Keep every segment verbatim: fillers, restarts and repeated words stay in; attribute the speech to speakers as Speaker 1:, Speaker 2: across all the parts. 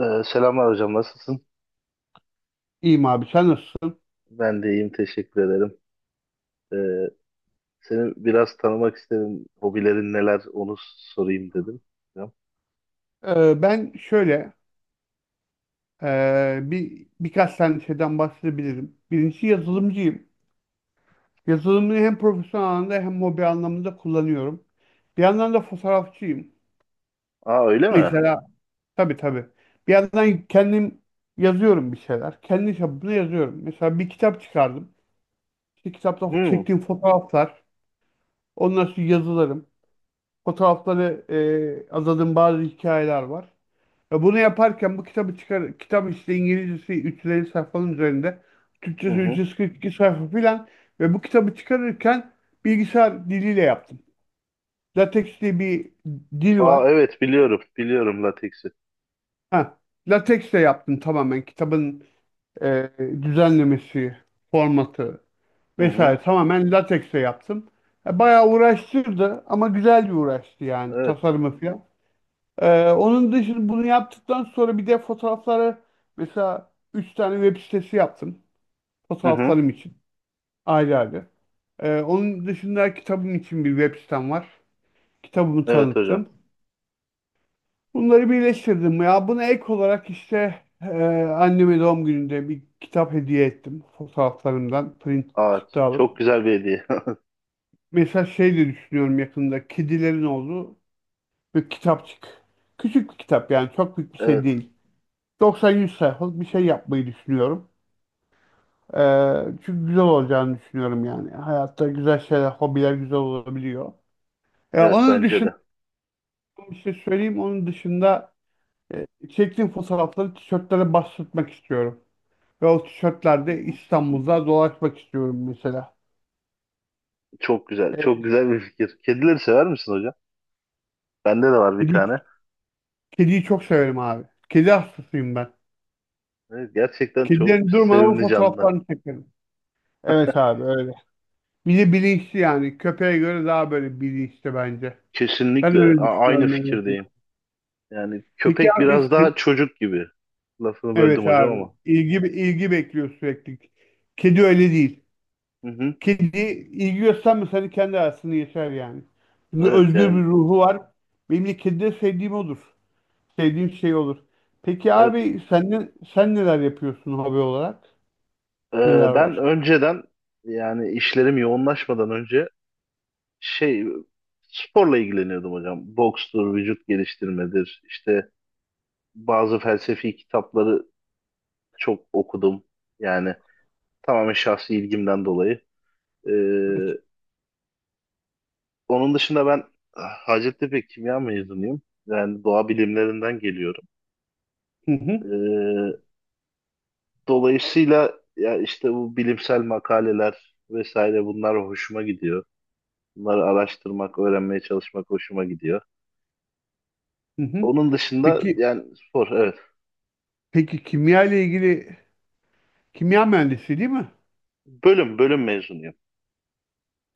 Speaker 1: Ee, selamlar hocam, nasılsın?
Speaker 2: İyiyim abi sen nasılsın?
Speaker 1: Ben de iyiyim, teşekkür ederim. Ee, Seni biraz tanımak istedim. Hobilerin neler, onu sorayım dedim. Hocam.
Speaker 2: Ee, ben şöyle e, bir birkaç tane şeyden bahsedebilirim. Birincisi
Speaker 1: Hı hı.
Speaker 2: yazılımcıyım. Yazılımı hem profesyonel anlamda hem hobi anlamında kullanıyorum. Bir yandan da fotoğrafçıyım.
Speaker 1: Aa öyle mi?
Speaker 2: Mesela tabii tabii. Bir yandan kendim yazıyorum bir şeyler. Kendi çapımda yazıyorum. Mesela bir kitap çıkardım. İşte kitapta
Speaker 1: Hı
Speaker 2: çektiğim fotoğraflar, ondan sonra yazılarım. Fotoğrafları e, azadığım bazı hikayeler var. Ve bunu yaparken bu kitabı çıkar, kitap işte İngilizcesi üç yüz elli sayfanın üzerinde,
Speaker 1: hı.
Speaker 2: Türkçesi
Speaker 1: Hı.
Speaker 2: üç yüz kırk iki sayfa filan ve bu kitabı çıkarırken bilgisayar diliyle yaptım. LaTeX diye bir dil var.
Speaker 1: Aa evet biliyorum, biliyorum lateksi.
Speaker 2: Ha, LaTeX ile yaptım tamamen kitabın e, düzenlemesi, formatı
Speaker 1: Hı hı.
Speaker 2: vesaire tamamen LaTeX ile yaptım. E, bayağı uğraştırdı ama güzel bir uğraştı yani
Speaker 1: Evet.
Speaker 2: tasarımı filan. Ee, onun dışında bunu yaptıktan sonra bir de fotoğrafları mesela üç tane web sitesi yaptım.
Speaker 1: Hı hı.
Speaker 2: Fotoğraflarım için ayrı ayrı. Ee, onun dışında kitabım için bir web sitem var. Kitabımı
Speaker 1: Evet hocam.
Speaker 2: tanıttım. Bunları birleştirdim. Ya buna ek olarak işte e, anneme doğum gününde bir kitap hediye ettim. Fotoğraflarımdan print
Speaker 1: Aa,
Speaker 2: çıktı
Speaker 1: çok
Speaker 2: alıp.
Speaker 1: güzel bir hediye.
Speaker 2: Mesela şey de düşünüyorum yakında kedilerin olduğu bir kitapçık. Küçük bir kitap yani çok büyük bir şey
Speaker 1: Evet,
Speaker 2: değil. doksan yüz sayfalık bir şey yapmayı düşünüyorum. Ee, çünkü güzel olacağını düşünüyorum yani. Hayatta güzel şeyler, hobiler güzel olabiliyor. Ee,
Speaker 1: evet
Speaker 2: onun
Speaker 1: bence
Speaker 2: dışında
Speaker 1: de.
Speaker 2: bir şey söyleyeyim. Onun dışında e, çektiğim fotoğrafları tişörtlere bastırmak istiyorum. Ve o
Speaker 1: Hı
Speaker 2: tişörtlerde
Speaker 1: hı.
Speaker 2: İstanbul'da dolaşmak istiyorum mesela.
Speaker 1: Çok güzel, çok
Speaker 2: Ee,
Speaker 1: güzel bir fikir. Kedileri sever misin hocam? Bende de var bir tane.
Speaker 2: kedi, kediyi çok severim abi. Kedi hastasıyım ben.
Speaker 1: Evet, gerçekten çok
Speaker 2: Kedilerin durmadan
Speaker 1: sevimli canlılar.
Speaker 2: fotoğraflarını çekerim. Evet abi öyle. Bir de bilinçli yani. Köpeğe göre daha böyle bilinçli bence. Ben
Speaker 1: Kesinlikle,
Speaker 2: öyle
Speaker 1: a- aynı
Speaker 2: düşünüyorum en
Speaker 1: fikirdeyim.
Speaker 2: azından.
Speaker 1: Yani
Speaker 2: Peki
Speaker 1: köpek
Speaker 2: abi
Speaker 1: biraz daha
Speaker 2: senin.
Speaker 1: çocuk gibi. Lafını böldüm
Speaker 2: Evet
Speaker 1: hocam
Speaker 2: abi.
Speaker 1: ama.
Speaker 2: İlgi, ilgi bekliyor sürekli. Kedi öyle değil.
Speaker 1: Hı hı.
Speaker 2: Kedi ilgi göstermese hani kendi arasında yeter yani. Çünkü
Speaker 1: Evet
Speaker 2: özgür bir
Speaker 1: yani
Speaker 2: ruhu var. Benim de kedide sevdiğim odur. Sevdiğim şey olur. Peki
Speaker 1: evet.
Speaker 2: abi sen, ne- sen neler yapıyorsun hobi olarak?
Speaker 1: Ee,
Speaker 2: Neler
Speaker 1: ben
Speaker 2: var?
Speaker 1: önceden, yani işlerim yoğunlaşmadan önce, şey sporla ilgileniyordum hocam. Bokstur, vücut geliştirmedir. İşte bazı felsefi kitapları çok okudum. Yani tamamen şahsi ilgimden dolayı. Ee,
Speaker 2: Evet.
Speaker 1: onun dışında ben Hacettepe Kimya mezunuyum. Yani doğa bilimlerinden geliyorum.
Speaker 2: Hı hı,
Speaker 1: Ee, Dolayısıyla ya işte bu bilimsel makaleler vesaire bunlar hoşuma gidiyor. Bunları araştırmak, öğrenmeye çalışmak hoşuma gidiyor.
Speaker 2: hı hı.
Speaker 1: Onun dışında
Speaker 2: Peki,
Speaker 1: yani spor, evet.
Speaker 2: peki kimya ile ilgili kimya mühendisi değil mi?
Speaker 1: Bölüm bölüm mezunuyum.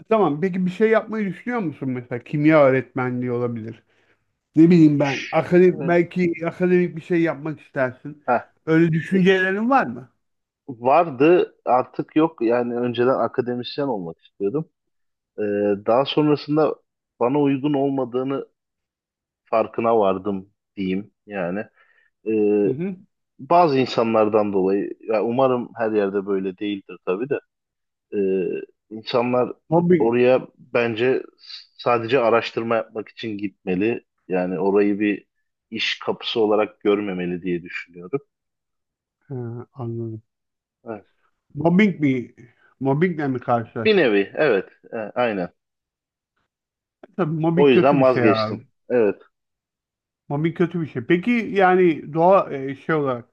Speaker 2: Tamam. Peki bir şey yapmayı düşünüyor musun mesela? Kimya öğretmenliği olabilir. Ne bileyim ben. Akademik,
Speaker 1: Evet.
Speaker 2: belki akademik bir şey yapmak istersin.
Speaker 1: Heh.
Speaker 2: Öyle
Speaker 1: E,
Speaker 2: düşüncelerin var mı?
Speaker 1: Vardı, artık yok yani, önceden akademisyen olmak istiyordum. Ee, daha sonrasında bana uygun olmadığını farkına vardım diyeyim yani.
Speaker 2: Hı
Speaker 1: Ee,
Speaker 2: hı.
Speaker 1: bazı insanlardan dolayı, ya umarım her yerde böyle değildir tabii de. Ee, insanlar
Speaker 2: Mobbing.
Speaker 1: oraya bence sadece araştırma yapmak için gitmeli. Yani orayı bir iş kapısı olarak görmemeli diye düşünüyorum.
Speaker 2: Ha, anladım.
Speaker 1: Evet.
Speaker 2: Mobbing mi? Mobbingle mi
Speaker 1: Bir
Speaker 2: karşılaştın?
Speaker 1: nevi, evet, e, aynen.
Speaker 2: Tabii
Speaker 1: O
Speaker 2: mobbing kötü
Speaker 1: yüzden
Speaker 2: bir şey abi.
Speaker 1: vazgeçtim. Evet.
Speaker 2: Mobbing kötü bir şey. Peki yani doğa e, şey olarak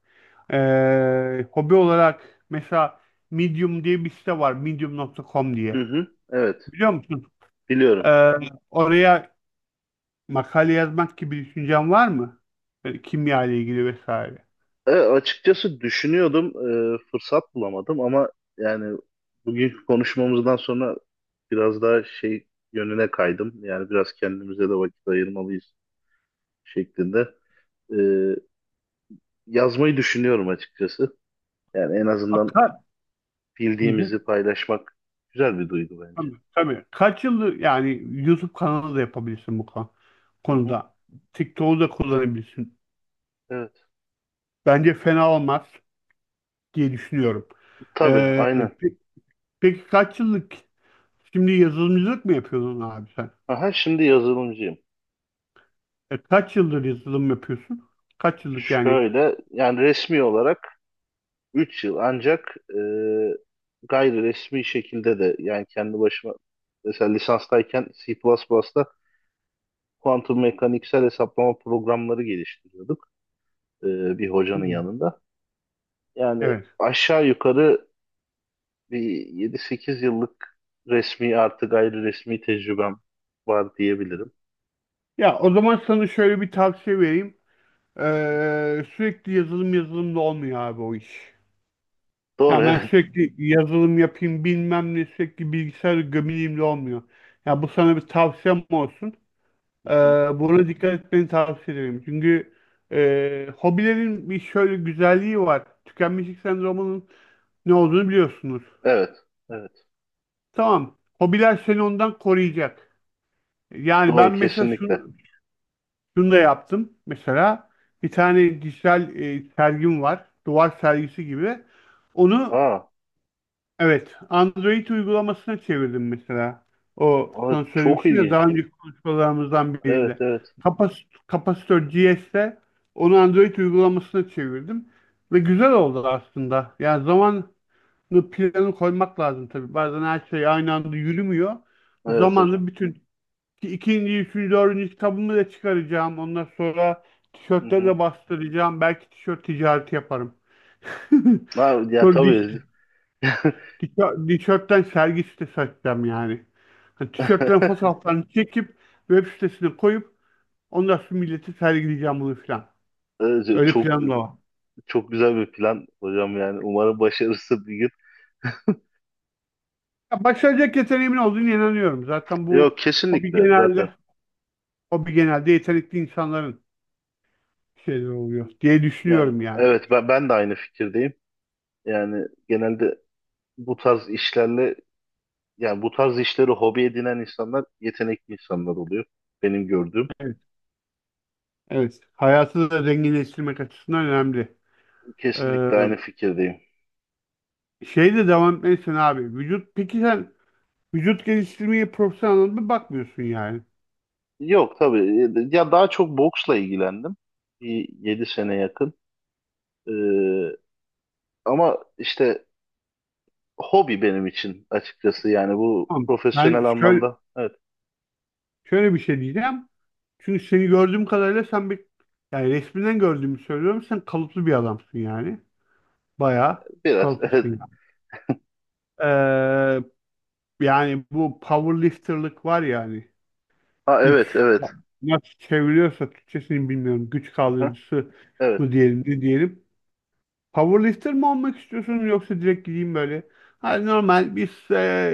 Speaker 2: e, hobi olarak mesela Medium diye bir site var. medium nokta com
Speaker 1: Hı
Speaker 2: diye.
Speaker 1: hı, evet,
Speaker 2: Biliyor musun? E,
Speaker 1: biliyorum.
Speaker 2: Oraya makale yazmak gibi bir düşüncen var mı? Böyle kimya ile ilgili vesaire.
Speaker 1: E, açıkçası düşünüyordum, e, fırsat bulamadım ama yani bugünkü konuşmamızdan sonra biraz daha şey yönüne kaydım. Yani biraz kendimize de vakit ayırmalıyız şeklinde. E, Yazmayı düşünüyorum açıkçası. Yani en azından
Speaker 2: Akar. Hı
Speaker 1: bildiğimizi
Speaker 2: hı.
Speaker 1: paylaşmak güzel bir duygu bence.
Speaker 2: Tabii, tabii. Kaç yıldır yani YouTube kanalı da yapabilirsin bu kon-
Speaker 1: Hı hı.
Speaker 2: konuda. TikTok'u da kullanabilirsin.
Speaker 1: Evet.
Speaker 2: Bence fena olmaz diye düşünüyorum.
Speaker 1: Tabii,
Speaker 2: Ee,
Speaker 1: aynen.
Speaker 2: pe- peki kaç yıllık. Şimdi yazılımcılık mı yapıyorsun abi sen?
Speaker 1: Aha, şimdi yazılımcıyım.
Speaker 2: E, kaç yıldır yazılım yapıyorsun? Kaç yıllık yani?
Speaker 1: Şöyle, yani resmi olarak üç yıl, ancak e, gayri resmi şekilde de, yani kendi başıma, mesela lisanstayken C++'da kuantum mekaniksel hesaplama programları geliştiriyorduk, e, bir hocanın
Speaker 2: Hmm,
Speaker 1: yanında. Yani
Speaker 2: evet.
Speaker 1: aşağı yukarı bir yedi sekiz yıllık resmi artı gayri resmi tecrübem var diyebilirim.
Speaker 2: Ya o zaman sana şöyle bir tavsiye vereyim. Ee, sürekli yazılım yazılımda olmuyor abi o iş.
Speaker 1: Doğru,
Speaker 2: Ya ben
Speaker 1: evet.
Speaker 2: sürekli yazılım yapayım bilmem ne sürekli bilgisayar gömüleyim de olmuyor. Ya bu sana bir tavsiyem olsun.
Speaker 1: Hı
Speaker 2: Ee,
Speaker 1: hı.
Speaker 2: Buna dikkat etmeni tavsiye ederim. Çünkü e, hobilerin bir şöyle güzelliği var. Tükenmişlik sendromunun ne olduğunu biliyorsunuz.
Speaker 1: Evet. Evet.
Speaker 2: Tamam. Hobiler seni ondan koruyacak. Yani ben
Speaker 1: Doğru,
Speaker 2: mesela
Speaker 1: kesinlikle.
Speaker 2: şunu, şunu da yaptım. Mesela bir tane dijital e, sergim var. Duvar sergisi gibi. Onu,
Speaker 1: Aa,
Speaker 2: evet, Android uygulamasına çevirdim mesela. O
Speaker 1: aa,
Speaker 2: sana
Speaker 1: çok
Speaker 2: söylemiştim ya
Speaker 1: ilginç.
Speaker 2: daha önceki konuşmalarımızdan
Speaker 1: Evet
Speaker 2: birinde.
Speaker 1: evet.
Speaker 2: Kapas kapasitör G S'te onu Android uygulamasına çevirdim ve güzel oldu aslında. Yani zamanlı planı koymak lazım tabii. Bazen her şey aynı anda yürümüyor.
Speaker 1: Evet hocam.
Speaker 2: Zamanlı bütün ikinci, üçüncü, dördüncü kitabımı da çıkaracağım. Ondan sonra
Speaker 1: Hı
Speaker 2: tişörtleri
Speaker 1: hı.
Speaker 2: de bastıracağım. Belki tişört ticareti yaparım.
Speaker 1: Ha, ya
Speaker 2: Sonra diş
Speaker 1: tabii.
Speaker 2: Tişö- tişörtten sergi sitesi açacağım yani. Hani tişörtlerin fotoğraflarını çekip web sitesine koyup ondan sonra milleti sergileyeceğim bunu filan.
Speaker 1: Evet,
Speaker 2: Öyle
Speaker 1: çok
Speaker 2: planım da var.
Speaker 1: çok güzel bir plan hocam yani. Umarım başarısı bir gün.
Speaker 2: Ya başaracak yeteneğimin olduğunu inanıyorum. Zaten bu
Speaker 1: Yok,
Speaker 2: hobi
Speaker 1: kesinlikle zaten.
Speaker 2: genelde hobi genelde yetenekli insanların şeyleri oluyor diye
Speaker 1: Yani
Speaker 2: düşünüyorum yani.
Speaker 1: evet, ben ben de aynı fikirdeyim. Yani genelde bu tarz işlerle Yani bu tarz işleri hobi edinen insanlar yetenekli insanlar oluyor. Benim gördüğüm.
Speaker 2: Evet. Evet. Hayatı da zenginleştirmek açısından önemli.
Speaker 1: Kesinlikle
Speaker 2: Ee,
Speaker 1: aynı fikirdeyim.
Speaker 2: Şeyle devam etmelisin abi. Vücut peki sen Vücut geliştirmeye profesyonel anlamda bakmıyorsun yani.
Speaker 1: Yok tabii. e, ya daha çok boksla ilgilendim. Bir yedi sene yakın. Ee, ama işte hobi benim için, açıkçası. Yani bu
Speaker 2: Tamam. Ben
Speaker 1: profesyonel
Speaker 2: şöyle,
Speaker 1: anlamda. Evet,
Speaker 2: şöyle bir şey diyeceğim. Çünkü seni gördüğüm kadarıyla sen bir yani resminden gördüğümü söylüyorum. Sen kalıplı bir adamsın yani. Bayağı
Speaker 1: biraz.
Speaker 2: kalıplısın
Speaker 1: Evet.
Speaker 2: yani. Ee, Yani bu powerlifterlık var yani.
Speaker 1: Ha, evet
Speaker 2: Güç
Speaker 1: evet.
Speaker 2: nasıl çeviriyorsa Türkçesini bilmiyorum. Güç
Speaker 1: Aha,
Speaker 2: kaldırıcısı
Speaker 1: evet.
Speaker 2: mı diyelim ne diyelim. Powerlifter mi olmak istiyorsun yoksa direkt gideyim böyle. Hani normal bir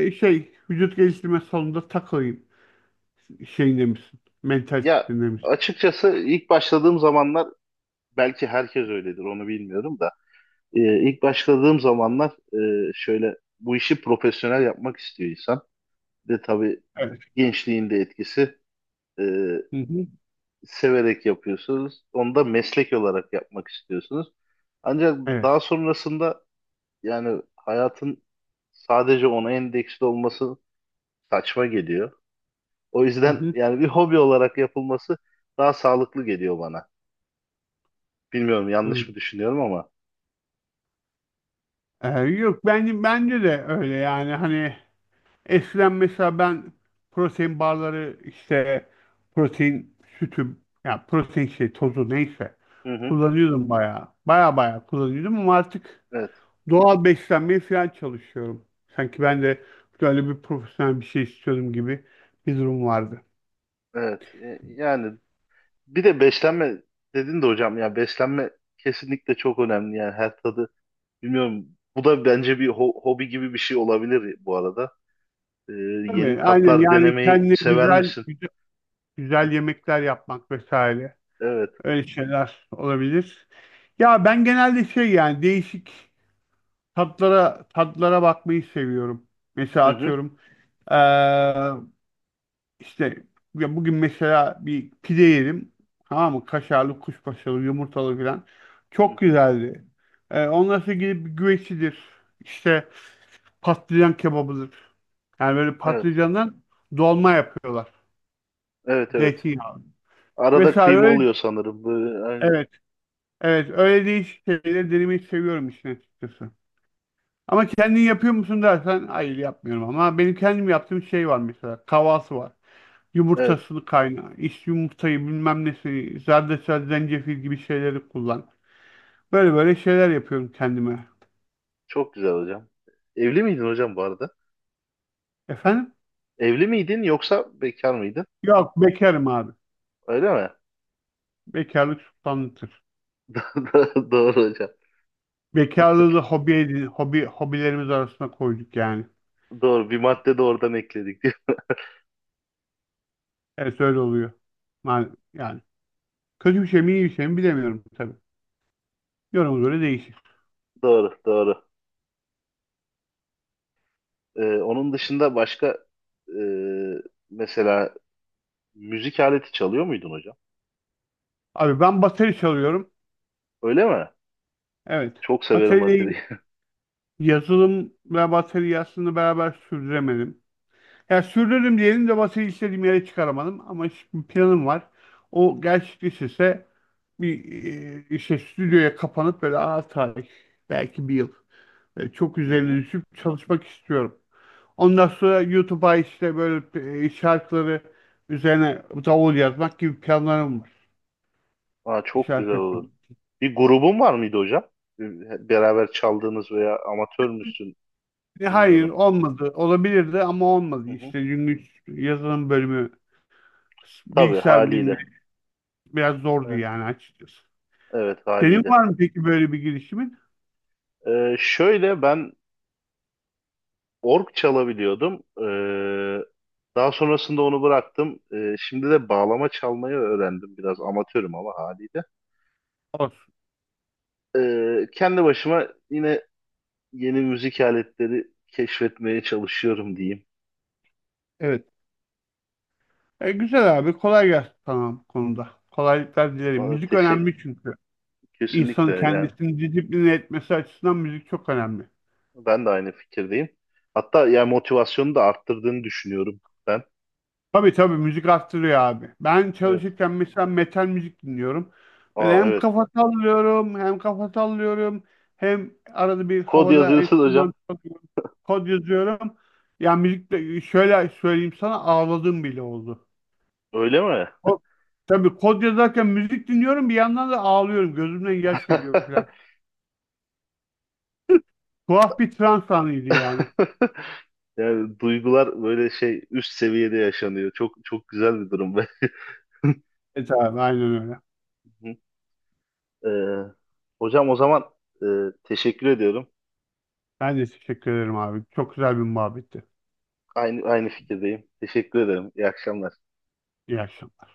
Speaker 2: e, şey vücut geliştirme salonunda takılayım şeyinde misin?
Speaker 1: Ya
Speaker 2: Mentalitesinde misin?
Speaker 1: açıkçası ilk başladığım zamanlar, belki herkes öyledir onu bilmiyorum da. Ee, ilk başladığım zamanlar, e, şöyle bu işi profesyonel yapmak istiyor insan. Ve tabii
Speaker 2: Evet.
Speaker 1: gençliğin de etkisi, e,
Speaker 2: Hı hı.
Speaker 1: severek yapıyorsunuz. Onu da meslek olarak yapmak istiyorsunuz. Ancak
Speaker 2: Evet.
Speaker 1: daha sonrasında yani hayatın sadece ona endeksli olması saçma geliyor. O
Speaker 2: Hı
Speaker 1: yüzden
Speaker 2: hı.
Speaker 1: yani bir hobi olarak yapılması daha sağlıklı geliyor bana. Bilmiyorum
Speaker 2: Hı.
Speaker 1: yanlış mı düşünüyorum ama.
Speaker 2: Ee, yok bence bence de öyle yani hani eskiden mesela ben protein barları işte protein sütü ya protein şey tozu neyse
Speaker 1: Hı hı.
Speaker 2: kullanıyordum bayağı. Baya baya kullanıyordum ama artık
Speaker 1: Evet,
Speaker 2: doğal beslenmeye falan çalışıyorum. Sanki ben de böyle bir profesyonel bir şey istiyordum gibi bir durum vardı.
Speaker 1: evet. E, yani bir de beslenme dedin de hocam, ya beslenme kesinlikle çok önemli yani her tadı bilmiyorum, bu da bence bir ho- hobi gibi bir şey olabilir bu arada. Ee, yeni
Speaker 2: Tabii aynen
Speaker 1: tatlar
Speaker 2: yani
Speaker 1: denemeyi
Speaker 2: kendine
Speaker 1: sever
Speaker 2: güzel
Speaker 1: misin?
Speaker 2: güzel, güzel yemekler yapmak vesaire
Speaker 1: Evet.
Speaker 2: öyle şeyler olabilir. Ya ben genelde şey yani değişik Tatlara tatlara bakmayı seviyorum. Mesela
Speaker 1: Hı hı.
Speaker 2: atıyorum eee, işte ya bugün mesela bir pide yedim. Tamam mı? Kaşarlı, kuşbaşılı, yumurtalı falan.
Speaker 1: Hı
Speaker 2: Çok
Speaker 1: hı.
Speaker 2: güzeldi. Eee ondan sonra gidip bir güvecidir. İşte patlıcan kebabıdır. Yani böyle
Speaker 1: Evet.
Speaker 2: patlıcandan dolma yapıyorlar.
Speaker 1: Evet evet.
Speaker 2: Zeytinyağı.
Speaker 1: Arada
Speaker 2: Mesela
Speaker 1: kıyma
Speaker 2: öyle
Speaker 1: oluyor sanırım. Böyle, aynen.
Speaker 2: evet. Evet öyle değişik şeyleri denemeyi seviyorum işin açıkçası. Ama kendin yapıyor musun dersen hayır yapmıyorum ama benim kendim yaptığım şey var mesela tavası var.
Speaker 1: Evet.
Speaker 2: Yumurtasını kayna, iç yumurtayı bilmem nesi, zerdeçal, zencefil gibi şeyleri kullan. Böyle böyle şeyler yapıyorum kendime.
Speaker 1: Çok güzel hocam. Evli miydin hocam bu arada?
Speaker 2: Efendim?
Speaker 1: Evli miydin yoksa bekar mıydın?
Speaker 2: Yok bekarım abi.
Speaker 1: Öyle mi?
Speaker 2: Bekarlık sultanlıktır.
Speaker 1: Doğru hocam.
Speaker 2: Bekarlığı da hobi edin, hobi, hobilerimiz arasına koyduk yani.
Speaker 1: Doğru. Bir madde de oradan ekledik.
Speaker 2: Evet öyle oluyor. Yani, yani kötü bir şey mi iyi bir şey mi bilemiyorum tabii. Yoruma göre değişir.
Speaker 1: Doğru. Doğru. Ee, onun dışında başka, e, mesela müzik aleti çalıyor muydun hocam?
Speaker 2: Abi ben bateri çalıyorum.
Speaker 1: Öyle mi?
Speaker 2: Evet.
Speaker 1: Çok severim
Speaker 2: Bateriyle
Speaker 1: bateriyi.
Speaker 2: Yazılım ve bataryasını beraber sürdüremedim. Ya sürdürdüm diyelim de bataryayı istediğim yere çıkaramadım. Ama şimdi planım var. O gerçekleşirse bir e, işte stüdyoya kapanıp böyle ağır tarih belki bir yıl e, çok
Speaker 1: Hı
Speaker 2: üzerine
Speaker 1: hı.
Speaker 2: düşüp çalışmak istiyorum. Ondan sonra YouTube'a işte böyle e, şarkıları üzerine davul yazmak gibi planlarım var.
Speaker 1: Aa, çok güzel
Speaker 2: Şarkı.
Speaker 1: olur.
Speaker 2: İçin.
Speaker 1: Bir grubun var mıydı hocam? Bir- Beraber çaldığınız veya amatör müsün
Speaker 2: E, hayır
Speaker 1: bilmiyorum.
Speaker 2: olmadı. Olabilirdi ama olmadı.
Speaker 1: Hı hı.
Speaker 2: İşte çünkü yazılım bölümü
Speaker 1: Tabii,
Speaker 2: bilgisayar
Speaker 1: haliyle.
Speaker 2: bilimleri biraz zordu
Speaker 1: Evet,
Speaker 2: yani açıkçası.
Speaker 1: evet
Speaker 2: Senin
Speaker 1: haliyle.
Speaker 2: var mı peki böyle bir girişimin?
Speaker 1: Ee, şöyle ben org çalabiliyordum. Ee, daha sonrasında onu bıraktım. Ee, şimdi de bağlama çalmayı öğrendim. Biraz amatörüm ama haliyle.
Speaker 2: Olsun.
Speaker 1: Ee, kendi başıma yine yeni müzik aletleri keşfetmeye çalışıyorum diyeyim.
Speaker 2: Evet. E, güzel abi. Kolay gelsin sana bu konuda. Kolaylıklar dilerim.
Speaker 1: Aa,
Speaker 2: Müzik
Speaker 1: teşe-
Speaker 2: önemli çünkü.
Speaker 1: kesinlikle
Speaker 2: İnsanın
Speaker 1: yani
Speaker 2: kendisini disipline etmesi açısından müzik çok önemli.
Speaker 1: ben de aynı fikirdeyim. Hatta yani motivasyonu da arttırdığını düşünüyorum ben.
Speaker 2: Tabii tabii müzik arttırıyor abi. Ben
Speaker 1: Evet.
Speaker 2: çalışırken mesela metal müzik dinliyorum. Böyle
Speaker 1: Aa,
Speaker 2: hem
Speaker 1: evet.
Speaker 2: kafa sallıyorum hem kafa sallıyorum hem arada bir
Speaker 1: Kod
Speaker 2: havada
Speaker 1: yazıyorsun hocam.
Speaker 2: enstrüman çalıyorum, kod yazıyorum. Ya müzik de şöyle söyleyeyim sana ağladığım bile oldu.
Speaker 1: Öyle mi?
Speaker 2: Ko- Tabii kod yazarken müzik dinliyorum bir yandan da ağlıyorum. Gözümden yaş geliyor falan. Tuhaf bir trans anıydı yani.
Speaker 1: Yani duygular böyle şey üst seviyede yaşanıyor. Çok çok güzel bir durum be.
Speaker 2: Evet abi aynen öyle.
Speaker 1: Ee, hocam o zaman, e, teşekkür ediyorum.
Speaker 2: Ben de teşekkür ederim abi. Çok güzel bir muhabbetti.
Speaker 1: Aynı aynı fikirdeyim. Teşekkür ederim. İyi akşamlar.
Speaker 2: İyi akşamlar.